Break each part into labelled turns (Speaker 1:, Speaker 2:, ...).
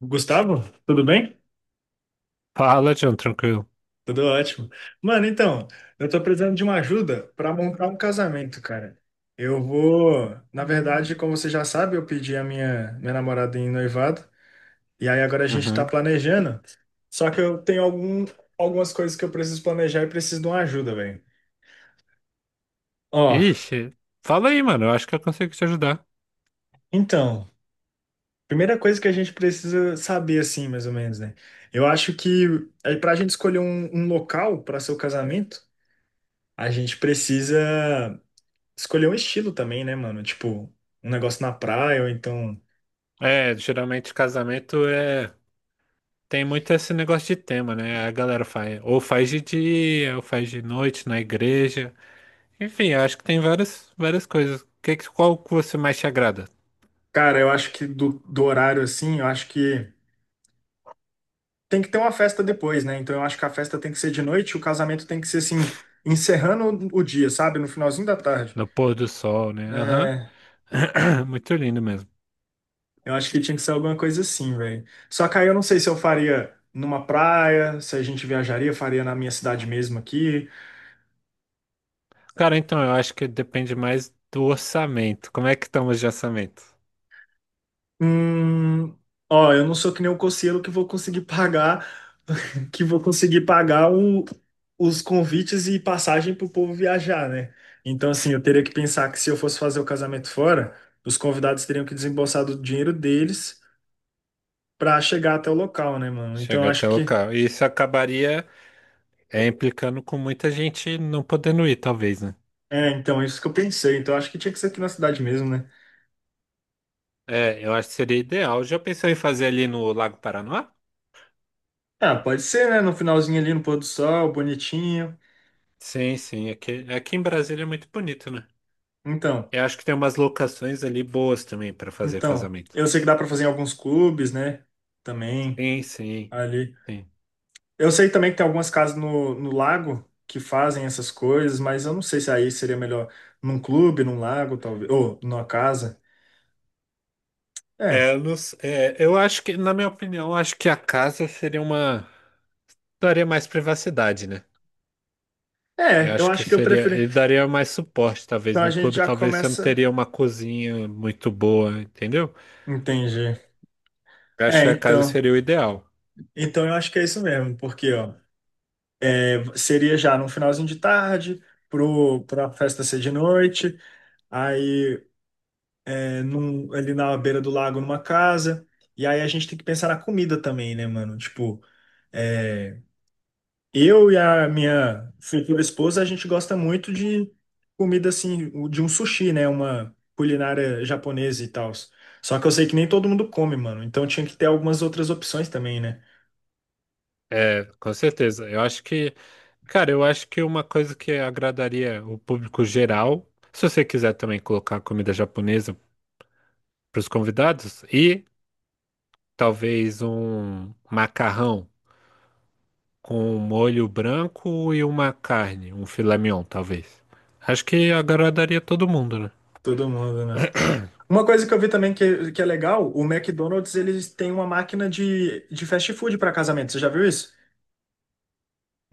Speaker 1: Gustavo, tudo bem?
Speaker 2: Fala, John, tranquilo.
Speaker 1: Tudo ótimo. Mano, então, eu tô precisando de uma ajuda pra montar um casamento, cara. Eu vou, na verdade, como você já sabe, eu pedi a minha namorada em noivado, e aí agora a gente tá
Speaker 2: Uhum.
Speaker 1: planejando. Só que eu tenho algumas coisas que eu preciso planejar e preciso de uma ajuda, velho. Ó,
Speaker 2: Ixi, fala aí, mano. Eu acho que eu consigo te ajudar.
Speaker 1: então, primeira coisa que a gente precisa saber, assim, mais ou menos, né? Eu acho que é pra gente escolher um local para seu casamento, a gente precisa escolher um estilo também, né, mano? Tipo, um negócio na praia, ou então.
Speaker 2: É, geralmente casamento é. Tem muito esse negócio de tema, né? A galera faz. Ou faz de dia, ou faz de noite na igreja. Enfim, eu acho que tem várias coisas. Qual que você mais te agrada?
Speaker 1: Cara, eu acho que do horário assim, eu acho que tem que ter uma festa depois, né? Então eu acho que a festa tem que ser de noite, o casamento tem que ser assim, encerrando o dia, sabe? No finalzinho da tarde.
Speaker 2: No pôr do sol, né? Aham.
Speaker 1: É,
Speaker 2: Muito lindo mesmo.
Speaker 1: eu acho que tinha que ser alguma coisa assim, velho. Só que aí eu não sei se eu faria numa praia, se a gente viajaria, faria na minha cidade mesmo aqui.
Speaker 2: Cara, então, eu acho que depende mais do orçamento. Como é que estamos de orçamento?
Speaker 1: Hum, ó, eu não sou que nem o Cossielo que vou conseguir pagar que vou conseguir pagar os convites e passagem para o povo viajar, né? Então, assim, eu teria que pensar que se eu fosse fazer o casamento fora, os convidados teriam que desembolsar do dinheiro deles para chegar até o local, né, mano? Então, eu
Speaker 2: Chega até
Speaker 1: acho
Speaker 2: o
Speaker 1: que.
Speaker 2: local. Isso acabaria. É implicando com muita gente não podendo ir, talvez, né?
Speaker 1: É, então, é isso que eu pensei. Então, eu acho que tinha que ser aqui na cidade mesmo, né?
Speaker 2: É, eu acho que seria ideal. Já pensou em fazer ali no Lago Paranoá?
Speaker 1: Ah, pode ser, né? No finalzinho ali, no pôr do sol, bonitinho.
Speaker 2: Sim, sim. Aqui em Brasília é muito bonito, né?
Speaker 1: Então,
Speaker 2: Eu acho que tem umas locações ali boas também para fazer
Speaker 1: então.
Speaker 2: casamento.
Speaker 1: Eu sei que dá para fazer em alguns clubes, né? Também,
Speaker 2: Sim, sim,
Speaker 1: ali.
Speaker 2: sim.
Speaker 1: Eu sei também que tem algumas casas no lago que fazem essas coisas, mas eu não sei se aí seria melhor num clube, num lago, talvez, ou numa casa. É,
Speaker 2: É, eu, não s- é, eu acho que, na minha opinião, eu acho que a casa seria uma. Daria mais privacidade, né?
Speaker 1: é,
Speaker 2: Eu
Speaker 1: eu
Speaker 2: acho que
Speaker 1: acho que eu
Speaker 2: seria.
Speaker 1: preferi.
Speaker 2: Ele daria mais suporte, talvez.
Speaker 1: Então a
Speaker 2: Num
Speaker 1: gente
Speaker 2: clube,
Speaker 1: já
Speaker 2: talvez você não
Speaker 1: começa.
Speaker 2: teria uma cozinha muito boa, entendeu?
Speaker 1: Entendi.
Speaker 2: Eu acho
Speaker 1: É,
Speaker 2: que a casa
Speaker 1: então.
Speaker 2: seria o ideal.
Speaker 1: Então eu acho que é isso mesmo, porque ó, é, seria já no finalzinho de tarde, pra festa ser de noite, aí é, ali na beira do lago, numa casa. E aí a gente tem que pensar na comida também, né, mano? Tipo, é, eu e a minha futura esposa, a gente gosta muito de comida assim, de um sushi, né? Uma culinária japonesa e tal. Só que eu sei que nem todo mundo come, mano. Então tinha que ter algumas outras opções também, né?
Speaker 2: É, com certeza. Eu acho que, cara, eu acho que uma coisa que agradaria o público geral, se você quiser também colocar comida japonesa para os convidados, e talvez um macarrão com um molho branco e uma carne, um filé mignon, talvez. Acho que agradaria todo mundo, né?
Speaker 1: Todo mundo, né? Uma coisa que eu vi também que é legal, o McDonald's, eles têm uma máquina de fast food para casamento. Você já viu isso?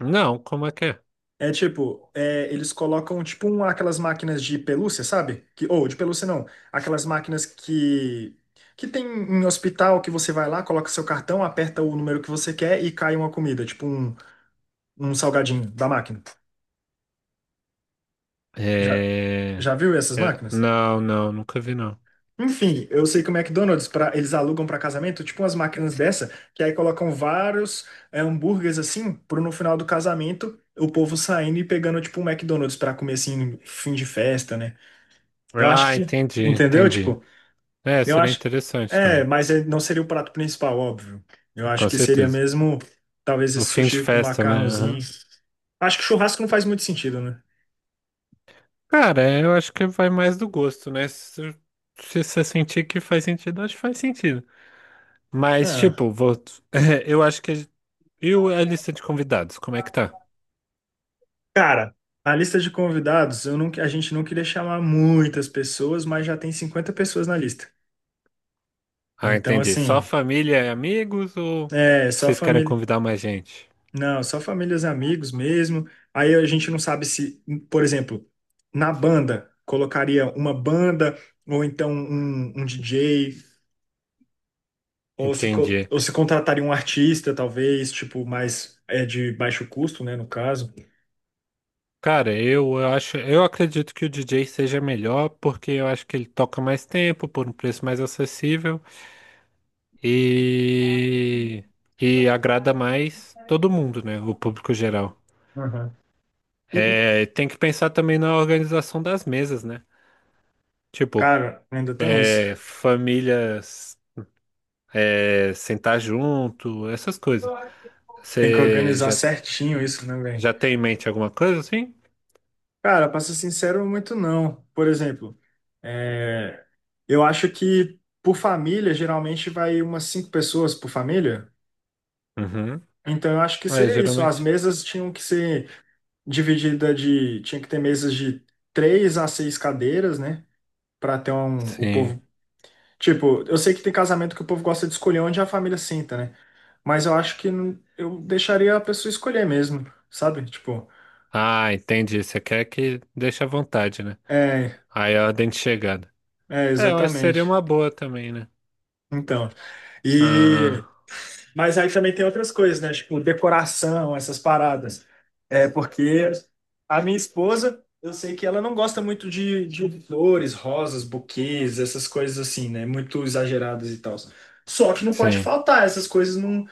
Speaker 2: Não, como é que é?
Speaker 1: É tipo, é, eles colocam tipo um, aquelas máquinas de pelúcia, sabe? Que, ou de pelúcia não, aquelas máquinas que tem em hospital que você vai lá, coloca seu cartão, aperta o número que você quer e cai uma comida, tipo um, um salgadinho da máquina. Já,
Speaker 2: É...
Speaker 1: já viu essas
Speaker 2: é,
Speaker 1: máquinas?
Speaker 2: não, não, nunca vi, não.
Speaker 1: Enfim, eu sei que o McDonald's, pra, eles alugam para casamento, tipo umas máquinas dessa, que aí colocam vários é, hambúrgueres assim, pro no final do casamento o povo saindo e pegando tipo um McDonald's para comer assim, fim de festa, né? Eu acho
Speaker 2: Ah,
Speaker 1: que,
Speaker 2: entendi,
Speaker 1: entendeu?
Speaker 2: entendi.
Speaker 1: Tipo,
Speaker 2: É,
Speaker 1: eu
Speaker 2: seria
Speaker 1: acho.
Speaker 2: interessante
Speaker 1: É,
Speaker 2: também,
Speaker 1: mas ele não seria o prato principal, óbvio. Eu acho
Speaker 2: com
Speaker 1: que seria
Speaker 2: certeza.
Speaker 1: mesmo, talvez,
Speaker 2: O
Speaker 1: esse
Speaker 2: fim de
Speaker 1: sushi com
Speaker 2: festa, né?
Speaker 1: macarrãozinho.
Speaker 2: Aham.
Speaker 1: Acho que churrasco não faz muito sentido, né?
Speaker 2: Cara, é, eu acho que vai mais do gosto, né? Se você sentir que faz sentido, acho que faz sentido. Mas,
Speaker 1: Ah,
Speaker 2: tipo, vou... é, eu acho que. E a lista de convidados, como é que tá?
Speaker 1: cara, a lista de convidados, eu não, a gente não queria chamar muitas pessoas, mas já tem 50 pessoas na lista.
Speaker 2: Ah,
Speaker 1: Então,
Speaker 2: entendi. Só
Speaker 1: assim,
Speaker 2: família e amigos ou
Speaker 1: é só
Speaker 2: vocês querem
Speaker 1: família.
Speaker 2: convidar mais gente?
Speaker 1: Não, só famílias e amigos mesmo. Aí a gente não sabe se, por exemplo, na banda, colocaria uma banda, ou então um DJ, ou se,
Speaker 2: Entendi.
Speaker 1: ou se contrataria um artista, talvez, tipo, mais é de baixo custo, né, no caso.
Speaker 2: Cara, eu acho, eu acredito que o DJ seja melhor porque eu acho que ele toca mais tempo por um preço mais acessível. E que agrada mais todo mundo, né? O público geral.
Speaker 1: Aham. E,
Speaker 2: É, tem que pensar também na organização das mesas, né? Tipo,
Speaker 1: cara, ainda tem isso.
Speaker 2: é, famílias é, sentar junto, essas coisas.
Speaker 1: Tem que
Speaker 2: Você
Speaker 1: organizar
Speaker 2: já,
Speaker 1: certinho isso, né, velho?
Speaker 2: já tem em mente alguma coisa assim?
Speaker 1: Cara, pra ser sincero, muito não. Por exemplo, é, eu acho que por família, geralmente vai umas 5 pessoas por família.
Speaker 2: Uhum.
Speaker 1: Então, eu acho que
Speaker 2: É,
Speaker 1: seria isso. As
Speaker 2: geralmente.
Speaker 1: mesas tinham que ser divididas de. Tinha que ter mesas de 3 a 6 cadeiras, né? Pra ter um, o
Speaker 2: Sim.
Speaker 1: povo. Tipo, eu sei que tem casamento que o povo gosta de escolher onde a família sinta, né? Mas eu acho que eu deixaria a pessoa escolher mesmo, sabe? Tipo,
Speaker 2: Ah, entendi. Você quer que deixe à vontade, né?
Speaker 1: é,
Speaker 2: Aí é a ordem de chegada.
Speaker 1: é,
Speaker 2: É, eu acho que seria
Speaker 1: exatamente.
Speaker 2: uma boa também, né?
Speaker 1: Então.
Speaker 2: Ah,
Speaker 1: E mas aí também tem outras coisas, né? Tipo, decoração, essas paradas. É porque a minha esposa, eu sei que ela não gosta muito de flores, rosas, buquês, essas coisas assim, né? Muito exageradas e tal. Só que não pode
Speaker 2: sim.
Speaker 1: faltar essas coisas num,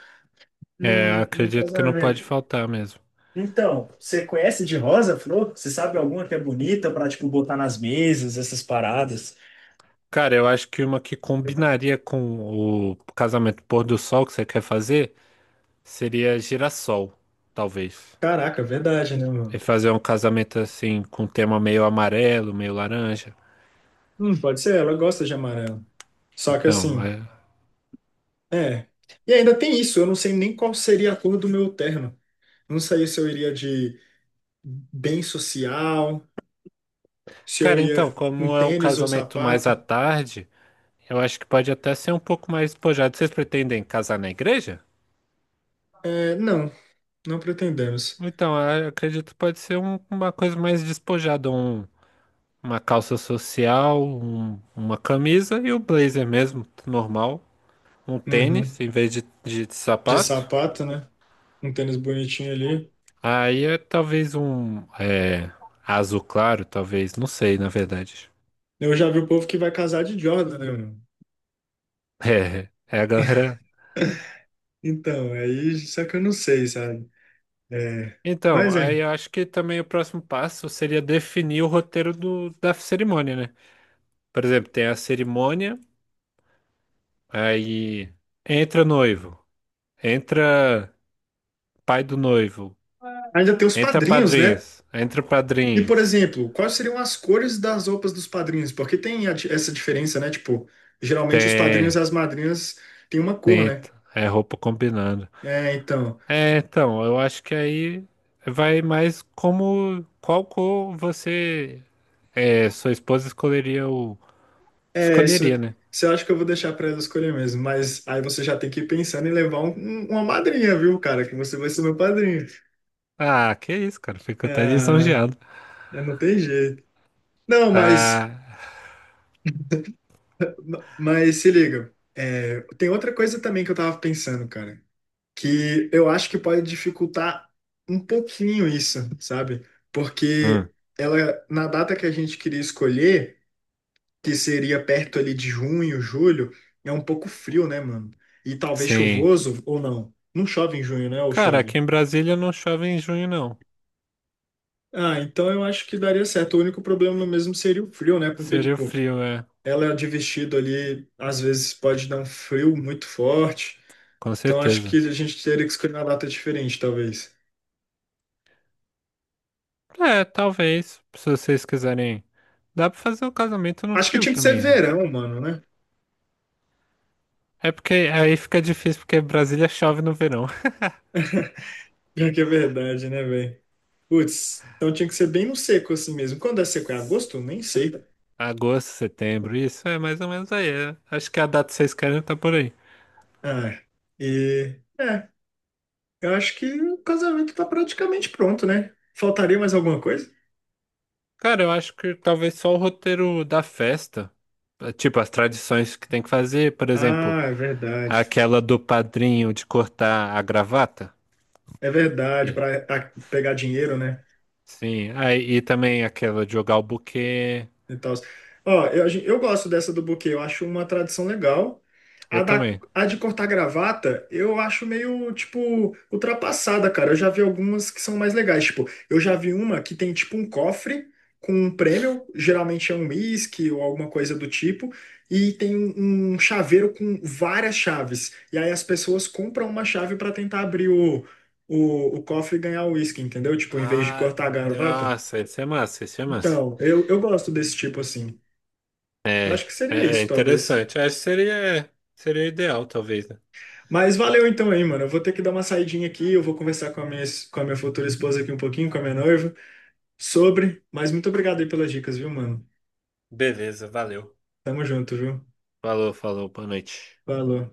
Speaker 2: É,
Speaker 1: num,
Speaker 2: eu
Speaker 1: num
Speaker 2: acredito que não pode
Speaker 1: casamento.
Speaker 2: faltar mesmo.
Speaker 1: Então, você conhece de rosa, flor? Você sabe alguma que é bonita pra, tipo, botar nas mesas, essas paradas?
Speaker 2: Cara, eu acho que uma que combinaria com o casamento pôr do sol que você quer fazer seria girassol, talvez.
Speaker 1: Caraca, é verdade, né, mano?
Speaker 2: E fazer um casamento assim com um tema meio amarelo, meio laranja.
Speaker 1: Pode ser, ela gosta de amarelo. Só que
Speaker 2: Então,
Speaker 1: assim.
Speaker 2: é...
Speaker 1: É. E ainda tem isso, eu não sei nem qual seria a cor do meu terno. Não sei se eu iria de bem social, se eu
Speaker 2: cara,
Speaker 1: ia
Speaker 2: então,
Speaker 1: com
Speaker 2: como é um
Speaker 1: tênis ou
Speaker 2: casamento mais à
Speaker 1: sapato.
Speaker 2: tarde, eu acho que pode até ser um pouco mais despojado. Vocês pretendem casar na igreja?
Speaker 1: É, não, não pretendemos.
Speaker 2: Então, eu acredito que pode ser uma coisa mais despojada, um uma calça social, uma camisa e o blazer mesmo, normal. Um tênis
Speaker 1: Uhum.
Speaker 2: em vez de
Speaker 1: De
Speaker 2: sapato.
Speaker 1: sapato, né? Um tênis bonitinho ali.
Speaker 2: Aí é talvez um é, azul claro, talvez, não sei, na verdade.
Speaker 1: Eu já vi o povo que vai casar de Jordan, né, mano?
Speaker 2: É, é a galera.
Speaker 1: Então, aí, só que eu não sei, sabe? É,
Speaker 2: Então,
Speaker 1: mas
Speaker 2: aí
Speaker 1: é.
Speaker 2: eu acho que também o próximo passo seria definir o roteiro do, da cerimônia, né? Por exemplo, tem a cerimônia, aí entra noivo, entra pai do noivo,
Speaker 1: Ainda tem os
Speaker 2: entra
Speaker 1: padrinhos, né?
Speaker 2: padrinhos, entra
Speaker 1: E, por
Speaker 2: padrinhas.
Speaker 1: exemplo, quais seriam as cores das roupas dos padrinhos? Porque tem a essa diferença, né? Tipo, geralmente os padrinhos
Speaker 2: Tem,
Speaker 1: e as madrinhas têm uma cor,
Speaker 2: tem,
Speaker 1: né?
Speaker 2: é roupa combinando.
Speaker 1: É, então.
Speaker 2: É, então, eu acho que aí vai mais como qual cor você, é, sua esposa escolheria o,
Speaker 1: É, isso,
Speaker 2: escolheria, né?
Speaker 1: isso eu acho que eu vou deixar pra ela escolher mesmo. Mas aí você já tem que ir pensando em levar uma madrinha, viu, cara? Que você vai ser meu padrinho.
Speaker 2: Ah, que isso, cara, fico até
Speaker 1: Ah,
Speaker 2: lisonjeado.
Speaker 1: é, não tem jeito. Não, mas,
Speaker 2: Ah,
Speaker 1: mas se liga. É, tem outra coisa também que eu tava pensando, cara, que eu acho que pode dificultar um pouquinho isso, sabe?
Speaker 2: hum,
Speaker 1: Porque ela, na data que a gente queria escolher, que seria perto ali de junho, julho, é um pouco frio, né, mano? E talvez
Speaker 2: sim.
Speaker 1: chuvoso ou não. Não chove em junho, né? Ou
Speaker 2: Cara, aqui
Speaker 1: chove?
Speaker 2: em Brasília não chove em junho, não.
Speaker 1: Ah, então eu acho que daria certo. O único problema no mesmo seria o frio, né? Porque,
Speaker 2: Seria
Speaker 1: tipo,
Speaker 2: frio, é,
Speaker 1: ela de vestido ali, às vezes pode dar um frio muito forte.
Speaker 2: com
Speaker 1: Então acho que
Speaker 2: certeza.
Speaker 1: a gente teria que escolher uma data diferente, talvez.
Speaker 2: É, talvez, se vocês quiserem. Dá pra fazer um casamento no
Speaker 1: Acho que
Speaker 2: frio
Speaker 1: tinha que ser
Speaker 2: também, né?
Speaker 1: verão, mano, né?
Speaker 2: É porque aí fica difícil porque Brasília chove no verão.
Speaker 1: Pior que é verdade, né, velho? Putz, então tinha que ser bem no seco assim mesmo. Quando é seco? É agosto? Nem sei.
Speaker 2: Agosto, setembro, isso é mais ou menos aí. É. Acho que a data que vocês querem tá por aí.
Speaker 1: Ah, e. É, eu acho que o casamento tá praticamente pronto, né? Faltaria mais alguma coisa?
Speaker 2: Cara, eu acho que talvez só o roteiro da festa, eh, tipo as tradições que tem que fazer, por exemplo,
Speaker 1: Ah, é verdade.
Speaker 2: aquela do padrinho de cortar a gravata.
Speaker 1: É verdade,
Speaker 2: E-
Speaker 1: para pegar dinheiro, né?
Speaker 2: sim, aí e também aquela de jogar o buquê.
Speaker 1: E tal. Ó, eu, eu gosto dessa do buquê, eu acho uma tradição legal.
Speaker 2: Eu
Speaker 1: A, da,
Speaker 2: também.
Speaker 1: a de cortar gravata, eu acho meio, tipo, ultrapassada, cara. Eu já vi algumas que são mais legais. Tipo, eu já vi uma que tem, tipo, um cofre com um prêmio, geralmente é um uísque ou alguma coisa do tipo, e tem um, um chaveiro com várias chaves. E aí as pessoas compram uma chave para tentar abrir o cofre e ganhar o uísque, entendeu? Tipo, em vez de
Speaker 2: Ah,
Speaker 1: cortar a gravata.
Speaker 2: nossa, isso é massa, isso é massa.
Speaker 1: Então, eu gosto desse tipo assim.
Speaker 2: É,
Speaker 1: Eu acho que seria
Speaker 2: é, é
Speaker 1: isso, talvez.
Speaker 2: interessante. Acho que seria, seria ideal, talvez, né?
Speaker 1: Mas valeu então aí, mano. Eu vou ter que dar uma saidinha aqui, eu vou conversar com a minha, com a minha futura esposa aqui um pouquinho, com a minha noiva, sobre. Mas muito obrigado aí pelas dicas, viu, mano?
Speaker 2: Beleza, valeu.
Speaker 1: Tamo junto, viu?
Speaker 2: Falou, falou, boa noite.
Speaker 1: Falou.